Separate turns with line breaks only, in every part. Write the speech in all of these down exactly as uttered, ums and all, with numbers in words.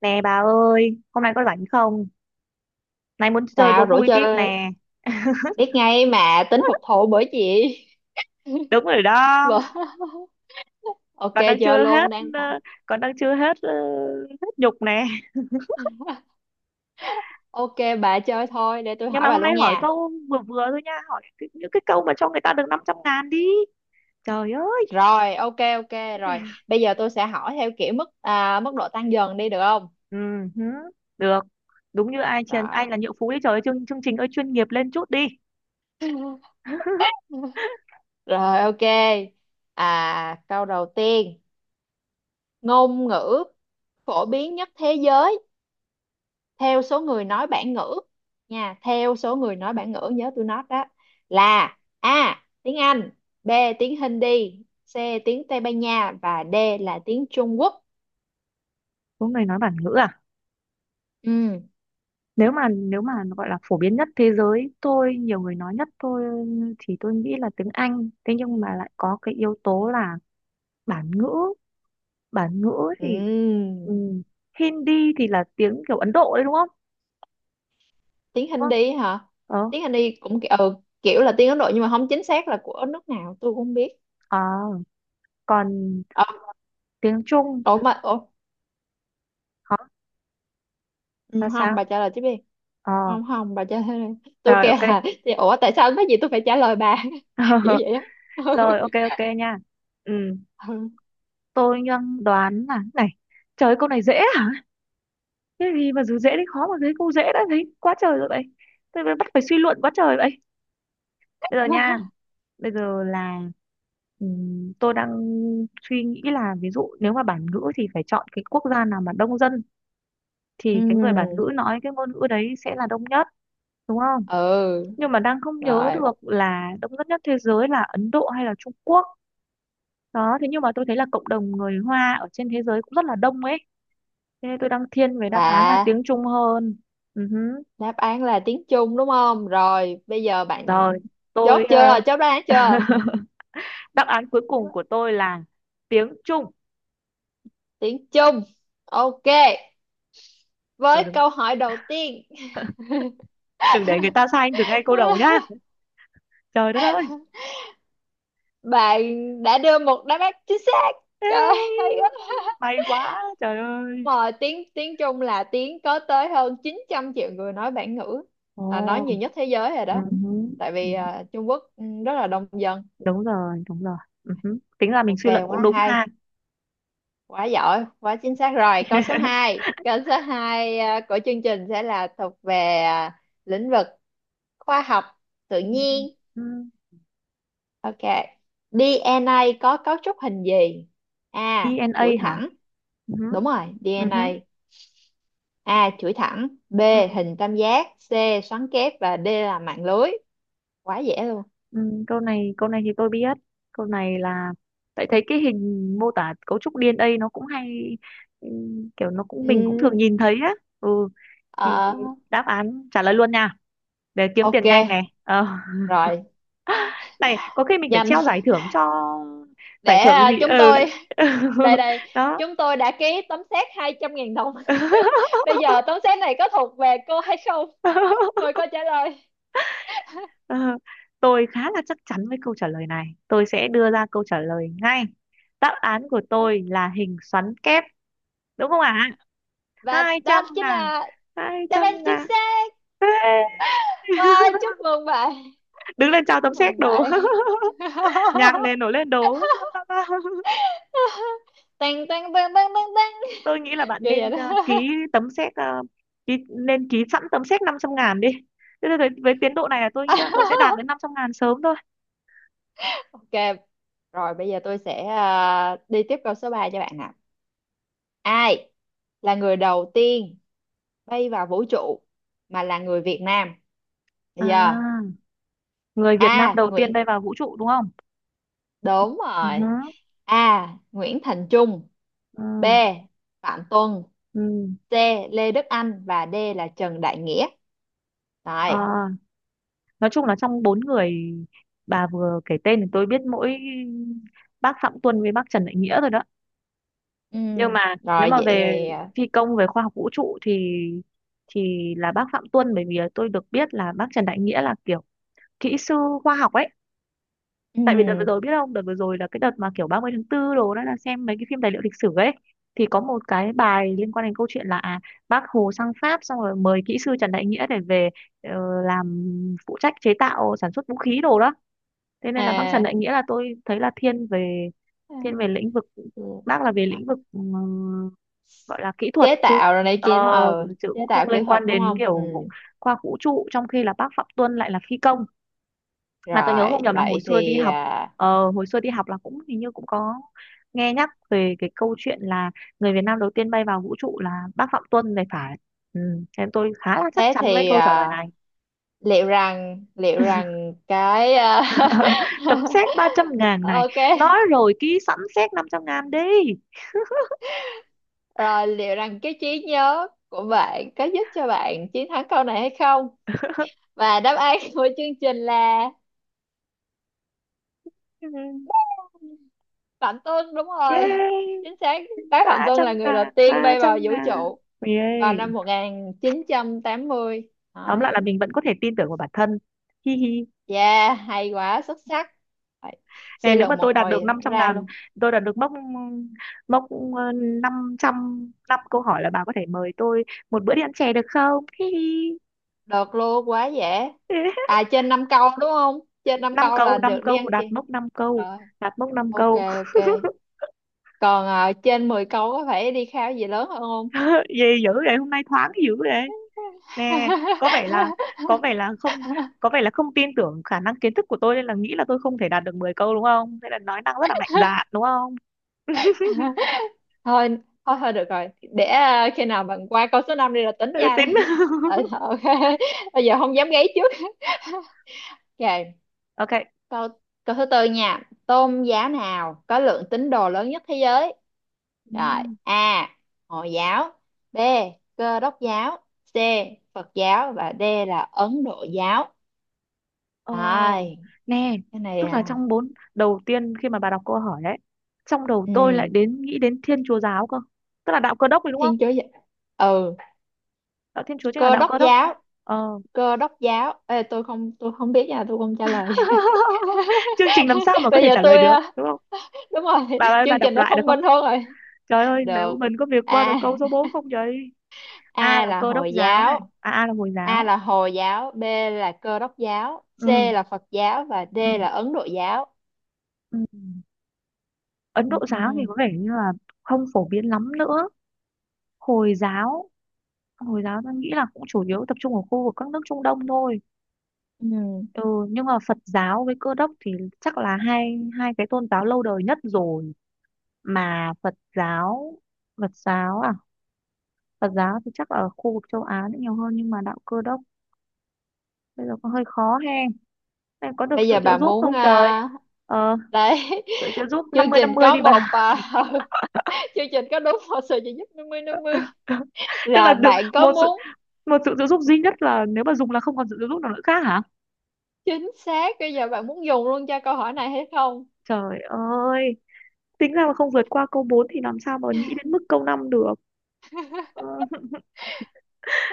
Nè bà ơi, hôm nay có rảnh không? Nay muốn chơi
Sao
đố
rủ
vui tiếp
chơi
nè.
biết ngay mà tính phục thù bởi chị.
Đúng rồi đó,
Vợ. Ok
còn đang
chơi
chưa
luôn
hết,
đang tặng.
ờ, còn đang chưa hết ờ, hết nhục nè.
Ok bà chơi thôi để tôi
Nhưng mà
hỏi bà
hôm nay
luôn
hỏi
nha.
câu vừa vừa thôi nha, hỏi cái- những cái câu mà cho người ta được năm trăm ngàn đi. Trời ơi,
Rồi ok ok rồi. Bây giờ tôi sẽ hỏi theo kiểu mức à, mức độ tăng dần đi được không?
ừ, hứ, được. Đúng như ai trên,
Rồi.
anh là nhượng phú đi trời ơi, chương, chương trình ơi chuyên nghiệp lên chút đi.
Rồi ok. à, Câu đầu tiên. Ngôn ngữ phổ biến nhất thế giới theo số người nói bản ngữ nha, theo số người nói bản ngữ, nhớ tôi nói đó, là A tiếng Anh, B tiếng Hindi, C tiếng Tây Ban Nha và D là tiếng Trung Quốc.
Có người nói bản ngữ à?
ừ.
nếu mà nếu mà gọi là phổ biến nhất thế giới tôi nhiều người nói nhất tôi thì tôi nghĩ là tiếng Anh. Thế
Ừ.
nhưng mà lại có cái yếu tố là bản ngữ. Bản ngữ thì
Ừ.
ừm, Hindi thì là tiếng kiểu Ấn Độ đấy đúng không,
Tiếng
đúng không?
Hindi hả?
ờ
Tiếng Hindi cũng ki- ừ, kiểu là tiếng Ấn Độ nhưng mà không chính xác là của nước nào tôi cũng không biết.
À, còn
ờ,
tiếng Trung
Ủa mà ủa,
hả,
ừ,
là
không,
sao?
bà trả lời tiếp đi.
ờ
Không không, bà trả lời đi. Tôi
Rồi,
kêu
ok.
là thì ủa tại sao cái gì tôi phải trả lời bà. Kiểu vậy á.
Rồi, ok ok nha. Ừ,
Ừ.
tôi đang đoán là này. Trời ơi, câu này dễ à? Cái gì mà dù dễ đến khó mà thấy câu dễ đã thấy quá trời rồi vậy, tôi mới bắt phải suy luận quá trời vậy. Bây giờ nha,
ừ.
bây giờ là ừm, tôi đang suy nghĩ là ví dụ nếu mà bản ngữ thì phải chọn cái quốc gia nào mà đông dân, thì cái người bản
Ừ,
ngữ nói cái ngôn ngữ đấy sẽ là đông nhất, đúng không?
ừ,
Nhưng mà đang không nhớ
rồi.
được là đông dân nhất thế giới là Ấn Độ hay là Trung Quốc đó. Thế nhưng mà tôi thấy là cộng đồng người Hoa ở trên thế giới cũng rất là đông ấy, thế nên tôi đang thiên về đáp án là
Và
tiếng Trung hơn. Ừ hứ.
đáp án là tiếng Trung đúng không? Rồi, bây giờ bạn
Rồi,
chốt
tôi ờ,
chưa? Chốt đáp án chưa?
đáp án cuối cùng của tôi là tiếng Trung.
Tiếng Trung. Ok,
Rồi,
với
đừng
câu hỏi đầu tiên.
đừng để người ta sai anh từ ngay câu đầu nhá. Trời đất ơi.
Bạn đã đưa một đáp án chính xác.
Ê,
Trời ơi, hay quá.
may quá trời ơi.
Mà tiếng tiếng Trung là tiếng có tới hơn chín trăm triệu người nói bản ngữ,
Ồ.
là nói nhiều nhất thế giới rồi
Ừ
đó.
hứ,
Tại
ừ,
vì à, Trung Quốc ừ, rất là đông dân.
đúng rồi đúng rồi. Ừ hứ. Tính ra mình
Ok,
suy luận
quá
cũng đúng
hay,
ha.
quá giỏi, quá chính xác rồi. Câu số hai, câu số hai ờ, của chương trình sẽ là thuộc về à, lĩnh vực khoa học tự
Ừ,
nhiên.
ừ,
Ok, đê en a có cấu trúc hình gì? A
đê en a
chuỗi
hả?
thẳng.
Ừ hứ,
Đúng rồi,
ừ hứ,
DNA. A. A chuỗi thẳng. B
ừ,
hình tam giác. C xoắn kép. Và D là mạng lưới. Quá dễ luôn.
ừ, câu này câu này thì tôi biết. Câu này là tại thấy cái hình mô tả cấu trúc đê en a nó cũng hay. Ừ, kiểu nó cũng mình cũng
ừ,
thường nhìn thấy á. Ừ, thì
ờ,
đáp án trả lời luôn nha, để kiếm tiền
ok
nhanh này ờ.
rồi,
Này có khi mình phải treo
nhanh
giải thưởng cho.
để
Giải thưởng
à,
gì?
chúng
Ừ.
tôi đây, đây
Đó.
chúng tôi đã ký tấm séc hai trăm nghìn đồng. Bây giờ tấm xét này có thuộc về cô hay không? Mời cô trả lời.
Ờ, tôi khá là chắc chắn với câu trả lời này, tôi sẽ đưa ra câu trả lời ngay. Đáp án của tôi là hình xoắn kép, đúng không ạ?
Và
hai trăm
đó chính
ngàn
là
hai
đáp
trăm
án chính
ngàn.
xác. Wow, chúc mừng bạn.
Đứng lên
Chúc
chào tấm séc
mừng
đồ.
bạn.
Nhạc nền nổi lên đồ.
Tăng tăng tăng tăng tăng tăng.
Tôi nghĩ là bạn
Kiểu
nên
vậy đó.
ờ, ký tấm séc ờ, ký, nên ký sẵn tấm séc năm trăm ngàn đi. Thế thì với, với tiến độ này là tôi nghĩ là tôi sẽ đạt đến năm trăm ngàn sớm thôi.
Ok, rồi bây giờ tôi sẽ à, đi tiếp câu số ba cho bạn nè. Ai là người đầu tiên bay vào vũ trụ mà là người Việt Nam? Bây giờ
À, người Việt Nam
A,
đầu tiên
Nguyễn.
bay vào vũ trụ, đúng không?
Đúng
Ừ, hứ,
rồi. A. Nguyễn Thành Trung. B.
ừ,
Phạm Tuân.
ừ.
C. Lê Đức Anh và D là Trần Đại Nghĩa.
Ờ,
Rồi.
nói chung là trong bốn người bà vừa kể tên thì tôi biết mỗi bác Phạm Tuân với bác Trần Đại Nghĩa rồi đó. Nhưng
Ừm,
mà nếu
rồi
mà
vậy
về
thì à,
phi công, về khoa học vũ trụ thì thì là bác Phạm Tuân, bởi vì tôi được biết là bác Trần Đại Nghĩa là kiểu kỹ sư khoa học ấy. Tại vì đợt vừa
ừm,
rồi biết không, đợt vừa rồi là cái đợt mà kiểu ba mươi tháng tư đồ đó là xem mấy cái phim tài liệu lịch sử ấy, thì có một cái bài liên quan đến câu chuyện là à, bác Hồ sang Pháp xong rồi mời kỹ sư Trần Đại Nghĩa để về ờ, làm phụ trách chế tạo sản xuất vũ khí đồ đó. Thế nên là bác Trần
à,
Đại Nghĩa là tôi thấy là thiên về thiên về lĩnh vực,
ừ,
bác là về
à,
lĩnh vực ừ, gọi là kỹ thuật
chế
chứ,
tạo rồi này kia nó
ờ,
ờ
chứ
chế
cũng
tạo
không
kỹ
liên
thuật
quan
đúng
đến
không? Ừ.
kiểu khoa học vũ trụ, trong khi là bác Phạm Tuân lại là phi công. Mà tôi nhớ
Rồi
không nhầm là hồi
vậy
xưa đi
thì
học,
à,
ờ, hồi xưa đi học là cũng hình như cũng có nghe nhắc về cái câu chuyện là người Việt Nam đầu tiên bay vào vũ trụ là bác Phạm Tuân này phải. Ừ, thế tôi khá là chắc
thế
chắn với
thì
câu trả lời
à,
này.
liệu rằng, liệu rằng cái à,
Tấm séc ba trăm ngàn này.
ok
Nói rồi, ký sẵn séc năm trăm ngàn đi.
rồi, liệu rằng cái trí nhớ của bạn có giúp cho bạn chiến thắng câu này hay không? Và đáp án của chương trình là
Ừ,
Phạm Tuân. Đúng rồi,
yeah.
chính xác. Bác Phạm
ba
Tuân
trăm
là người đầu
ngàn
tiên
ba
bay vào
trăm
vũ
ngàn.
trụ vào năm
Yeah.
một nghìn chín trăm tám mươi.
Tóm lại
Đấy.
là mình vẫn có thể tin tưởng vào bản thân. Hi hi.
Yeah, hay quá, xuất sắc. Đấy.
Nè,
Suy
nếu mà
luận một
tôi đạt được
hồi
năm
cũng
trăm
ra luôn.
ngàn, tôi đạt được mốc, mốc ờ, năm trăm, năm câu hỏi, là bà có thể mời tôi một bữa đi ăn chè được không? Hi hi.
Được luôn, quá dễ. À, trên năm câu đúng không? Trên năm
năm
câu
câu,
là
năm
được đi ăn
câu, đạt
chè.
mốc năm câu,
Rồi,
đạt mốc năm
ok
câu.
ok. Còn ờ, trên mười câu có phải đi khao gì lớn hơn không?
Gì dữ vậy, hôm nay thoáng dữ vậy. Nè, có vẻ là có vẻ là không có vẻ là không tin tưởng khả năng kiến thức của tôi nên là nghĩ là tôi không thể đạt được mười câu đúng không? Thế là nói năng rất là mạnh dạn đúng không?
thôi thôi thôi, được rồi, để à, khi nào bạn qua câu số năm đi là tính
Thế là
nha.
tính.
Tại ok, bây giờ không dám gáy trước. Ok.
Ok.
Câu câu thứ tư nha, tôn giáo nào có lượng tín đồ lớn nhất thế giới? Rồi.
Ừ.
A hồi giáo, B cơ đốc giáo, C phật giáo và D là ấn độ giáo.
Ờ,
Rồi,
nè,
cái này
tức là
à.
trong bốn đầu tiên khi mà bà đọc câu hỏi ấy, trong đầu tôi lại
ừ,
đến nghĩ đến Thiên Chúa giáo cơ. Tức là đạo Cơ đốc rồi đúng không?
Thiên chúa giáo. Ừ,
Đạo Thiên Chúa chính là
cơ
đạo
đốc
Cơ đốc đúng không?
giáo.
Ờ.
Cơ đốc giáo. Ê, tôi không, tôi không biết nha, tôi không trả lời.
Chương trình làm sao mà có
Bây
thể
giờ
trả lời
tôi
được,
à,
đúng không?
đúng rồi,
Bà ơi, bà
chương
đọc
trình nó
lại được
thông
không?
minh hơn rồi.
Trời ơi, nếu
Được.
mình có việc qua được
A,
câu số bốn không vậy. A
A
là
là
Cơ đốc
hồi
giáo này,
giáo.
à, A là Hồi
A
giáo.
là hồi giáo, B là cơ đốc giáo, C
Ừ,
là phật giáo và D
ừ,
là ấn độ giáo.
ừ. Ấn Độ giáo thì
Ừ,
có vẻ như là không phổ biến lắm nữa. Hồi giáo, Hồi giáo tôi nghĩ là cũng chủ yếu tập trung ở khu vực các nước Trung Đông thôi.
ừ.
Ừ, nhưng mà Phật giáo với Cơ đốc thì chắc là hai hai cái tôn giáo lâu đời nhất rồi. Mà Phật giáo, Phật giáo à, Phật giáo thì chắc ở khu vực châu Á nữa nhiều hơn, nhưng mà đạo Cơ đốc bây giờ có hơi khó he. Em có được
Bây
sự
giờ
trợ
bà
giúp
muốn
không trời?
à,
Ờ,
đấy.
sự trợ giúp năm
Chương
mươi năm
trình
mươi
có
đi
một
bà.
à, chương trình có đúng một sự trợ giúp năm mươi năm mươi,
Tức là
là
được
bạn có
một sự,
muốn?
một sự trợ giúp duy nhất là nếu mà dùng là không còn sự trợ giúp nào nữa khác hả?
Chính xác, bây giờ bạn muốn dùng luôn cho câu hỏi này hay không?
Trời ơi. Tính ra mà không vượt qua câu bốn thì làm sao mà nghĩ đến mức câu năm được. Ừ,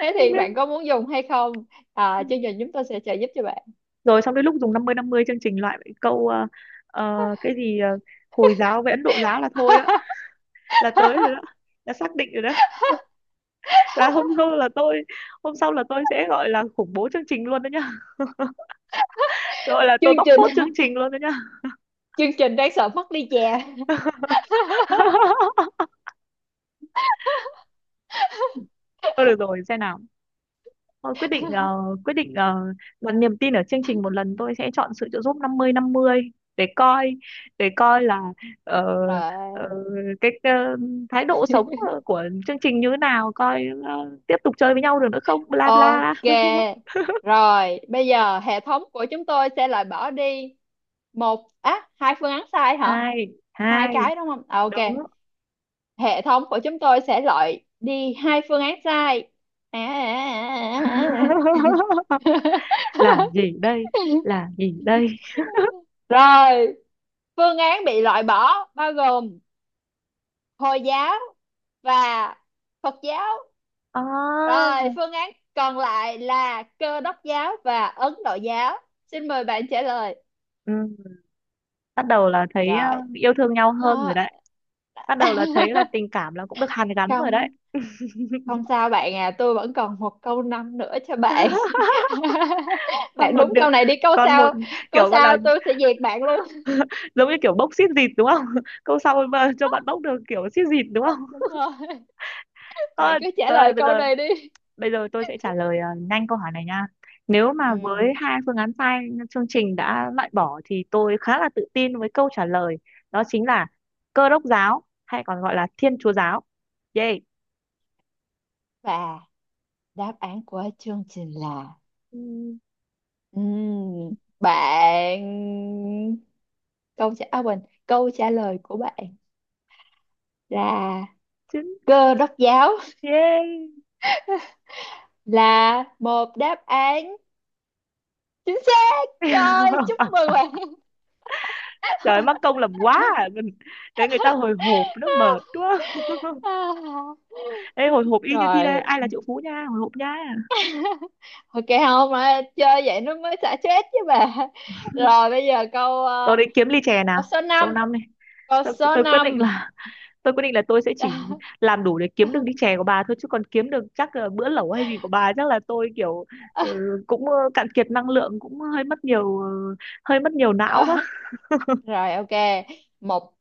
Thế
không
thì
biết.
bạn có muốn dùng hay không? À,
Ừ.
chương trình chúng tôi sẽ trợ giúp cho bạn.
Rồi xong đến lúc dùng năm mươi năm mươi chương trình loại mấy câu ờ, ờ, cái gì ờ, Hồi giáo với Ấn Độ giáo là thôi đó, là tới rồi đó, là xác định rồi đó. Là hôm sau là tôi, hôm sau là tôi sẽ gọi là khủng bố chương trình luôn đó nhá, gọi là tôi
Chương
bóc
trình,
phốt chương trình luôn đó nhá.
chương trình đáng sợ mất đi chè.
Thôi được rồi xem nào. Tôi quyết định ờ, quyết định uh, đặt niềm tin ở chương trình một lần, tôi sẽ chọn sự trợ giúp năm mươi năm mươi, để coi, để coi là ờ, ờ,
Rồi
cái ờ, thái độ sống ờ, của chương trình như thế nào, coi ờ, tiếp tục chơi với nhau được nữa không, bla bla.
ok, rồi bây giờ hệ thống của chúng tôi sẽ loại bỏ đi một á hai phương án sai hả?
Hai,
Hai
hai.
cái đúng không? À, ok,
Đúng.
hệ thống của chúng tôi sẽ loại đi hai phương án sai. à, à, à, à.
Là gì đây, là gì đây?
Rồi, phương án bị loại bỏ bao gồm Hồi giáo và Phật giáo.
À,
Rồi, phương án còn lại là Cơ đốc giáo và Ấn Độ giáo. Xin mời bạn trả lời.
ừ. Bắt đầu là thấy ờ,
Rồi,
yêu thương nhau hơn rồi
đó.
đấy, bắt đầu là thấy là tình cảm là cũng được hàn gắn rồi đấy.
Không, không sao bạn à, tôi vẫn còn một câu năm nữa cho bạn.
Còn
Bạn
một
đúng
điều,
câu này đi, câu
còn một,
sau, câu
kiểu gọi là
sau tôi sẽ diệt bạn luôn.
giống như kiểu bốc xít dịt đúng không? Câu sau mà cho bạn bốc được kiểu xít dịt đúng không?
Đúng rồi, bạn
Thôi
cứ trả
tôi ơi,
lời
bây
câu
giờ
này đi.
bây giờ tôi sẽ trả lời ờ, nhanh câu hỏi này nha. Nếu mà
Ừ.
với hai phương án sai chương trình đã loại bỏ thì tôi khá là tự tin với câu trả lời, đó chính là Cơ đốc giáo hay còn gọi là Thiên Chúa giáo. Yay.
Và đáp án của chương trình là
Ừm,
Ừm, bạn câu trả à, quên câu trả lời của bạn là
chứ-
cơ đốc giáo,
yay.
là một đáp án chính xác rồi, chúc mừng bạn.
Trời ơi, mắc công làm quá à. Mình- đấy người ta hồi hộp nó mệt quá.
À,
Ê, hồi hộp y như thi đây
rồi
Ai là triệu phú nha. Hồi hộp nha.
ok, không mà chơi vậy nó mới xả stress chứ bà. Rồi bây giờ câu
Tôi
ờ,
đấy kiếm ly chè nào.
câu số
Cho
năm
năm này,
câu
tôi,
số
tôi quyết định
năm
là, tôi quyết định là tôi sẽ chỉ làm đủ để kiếm được ly chè của bà thôi. Chứ còn kiếm được chắc là bữa lẩu hay gì của bà, chắc là tôi kiểu ừ, cũng ờ, cạn kiệt năng lượng, cũng hơi mất nhiều ờ, hơi mất nhiều não quá.
Rồi ok, một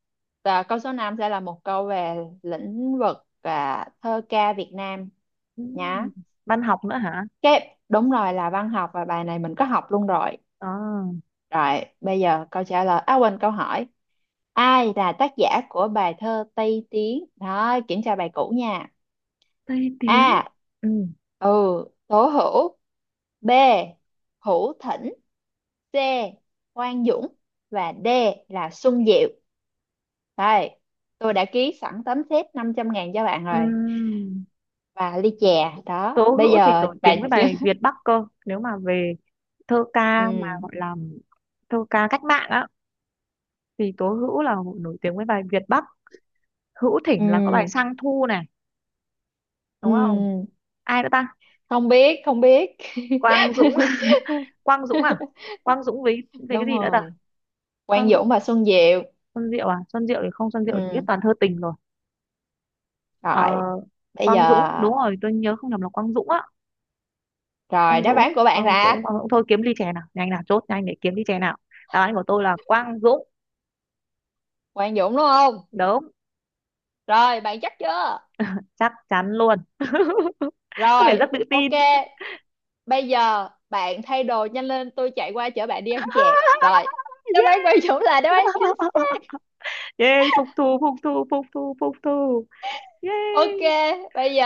à, câu số năm sẽ là một câu về lĩnh vực à, thơ ca Việt Nam
Ừ.
nhá.
Văn học nữa hả?
Cái đúng rồi là văn học, và bài này mình có học luôn rồi.
à,
Rồi, bây giờ câu trả lời à quên câu hỏi. Ai là tác giả của bài thơ Tây Tiến? Đó, kiểm tra bài cũ nha.
Tây Tiến.
A,
Ừ.
Ừ, Tố Hữu. B, Hữu Thỉnh. C, Quang Dũng và D là Xuân Diệu. Đây, tôi đã ký sẵn tấm séc năm trăm ngàn cho bạn
Ừ.
rồi. Và ly chè, đó.
Tố
Bây
Hữu thì
giờ
nổi
bạn
tiếng với
chưa...
bài Việt Bắc cơ. Nếu mà về thơ ca mà
Ừ,
gọi là thơ ca cách mạng á, thì Tố Hữu là nổi tiếng với bài Việt Bắc. Hữu
ừ,
Thỉnh là có bài Sang Thu này, đúng không?
ừ.
Ai nữa ta?
Không biết, không biết.
Quang Dũng. Quang Dũng à? Quang Dũng với với cái
Đúng
gì nữa ta?
rồi. Quang
Quang Dũng.
Dũng và Xuân Diệu.
Xuân Diệu à? Xuân Diệu thì không, Xuân Diệu thì biết
Ừ,
toàn thơ tình rồi. Ờ,
rồi. Bây giờ...
Quang Dũng đúng rồi, tôi nhớ không nhầm là Quang Dũng á.
Rồi,
Quang
đáp
Dũng,
án của bạn
Quang
là
Dũng, Quang Dũng, thôi kiếm ly chè nào, nhanh nào, chốt nhanh để kiếm ly chè nào. Đáp án của tôi là Quang Dũng.
Quang Dũng đúng không?
Đúng.
Rồi, bạn chắc chưa?
Chắc chắn luôn. Có vẻ
Rồi,
rất tự tin.
ok. Bây giờ bạn thay đồ nhanh lên, tôi chạy qua chở bạn đi ăn chè. Rồi, đáp án Quang Dũng là đáp
Yeah.
án chính.
Yeah, phục thù phục thù phục thù phục thù. Yeah.
Ok, bây giờ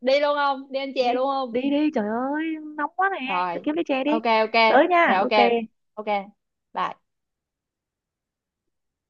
đi luôn không? Đi ăn
Đi,
chè luôn không?
đi đi trời ơi nóng quá nè. Tao
Rồi,
kiếm lấy chè đi.
ok ok,
Tới nha.
dạ ok,
Ok.
ok, bye.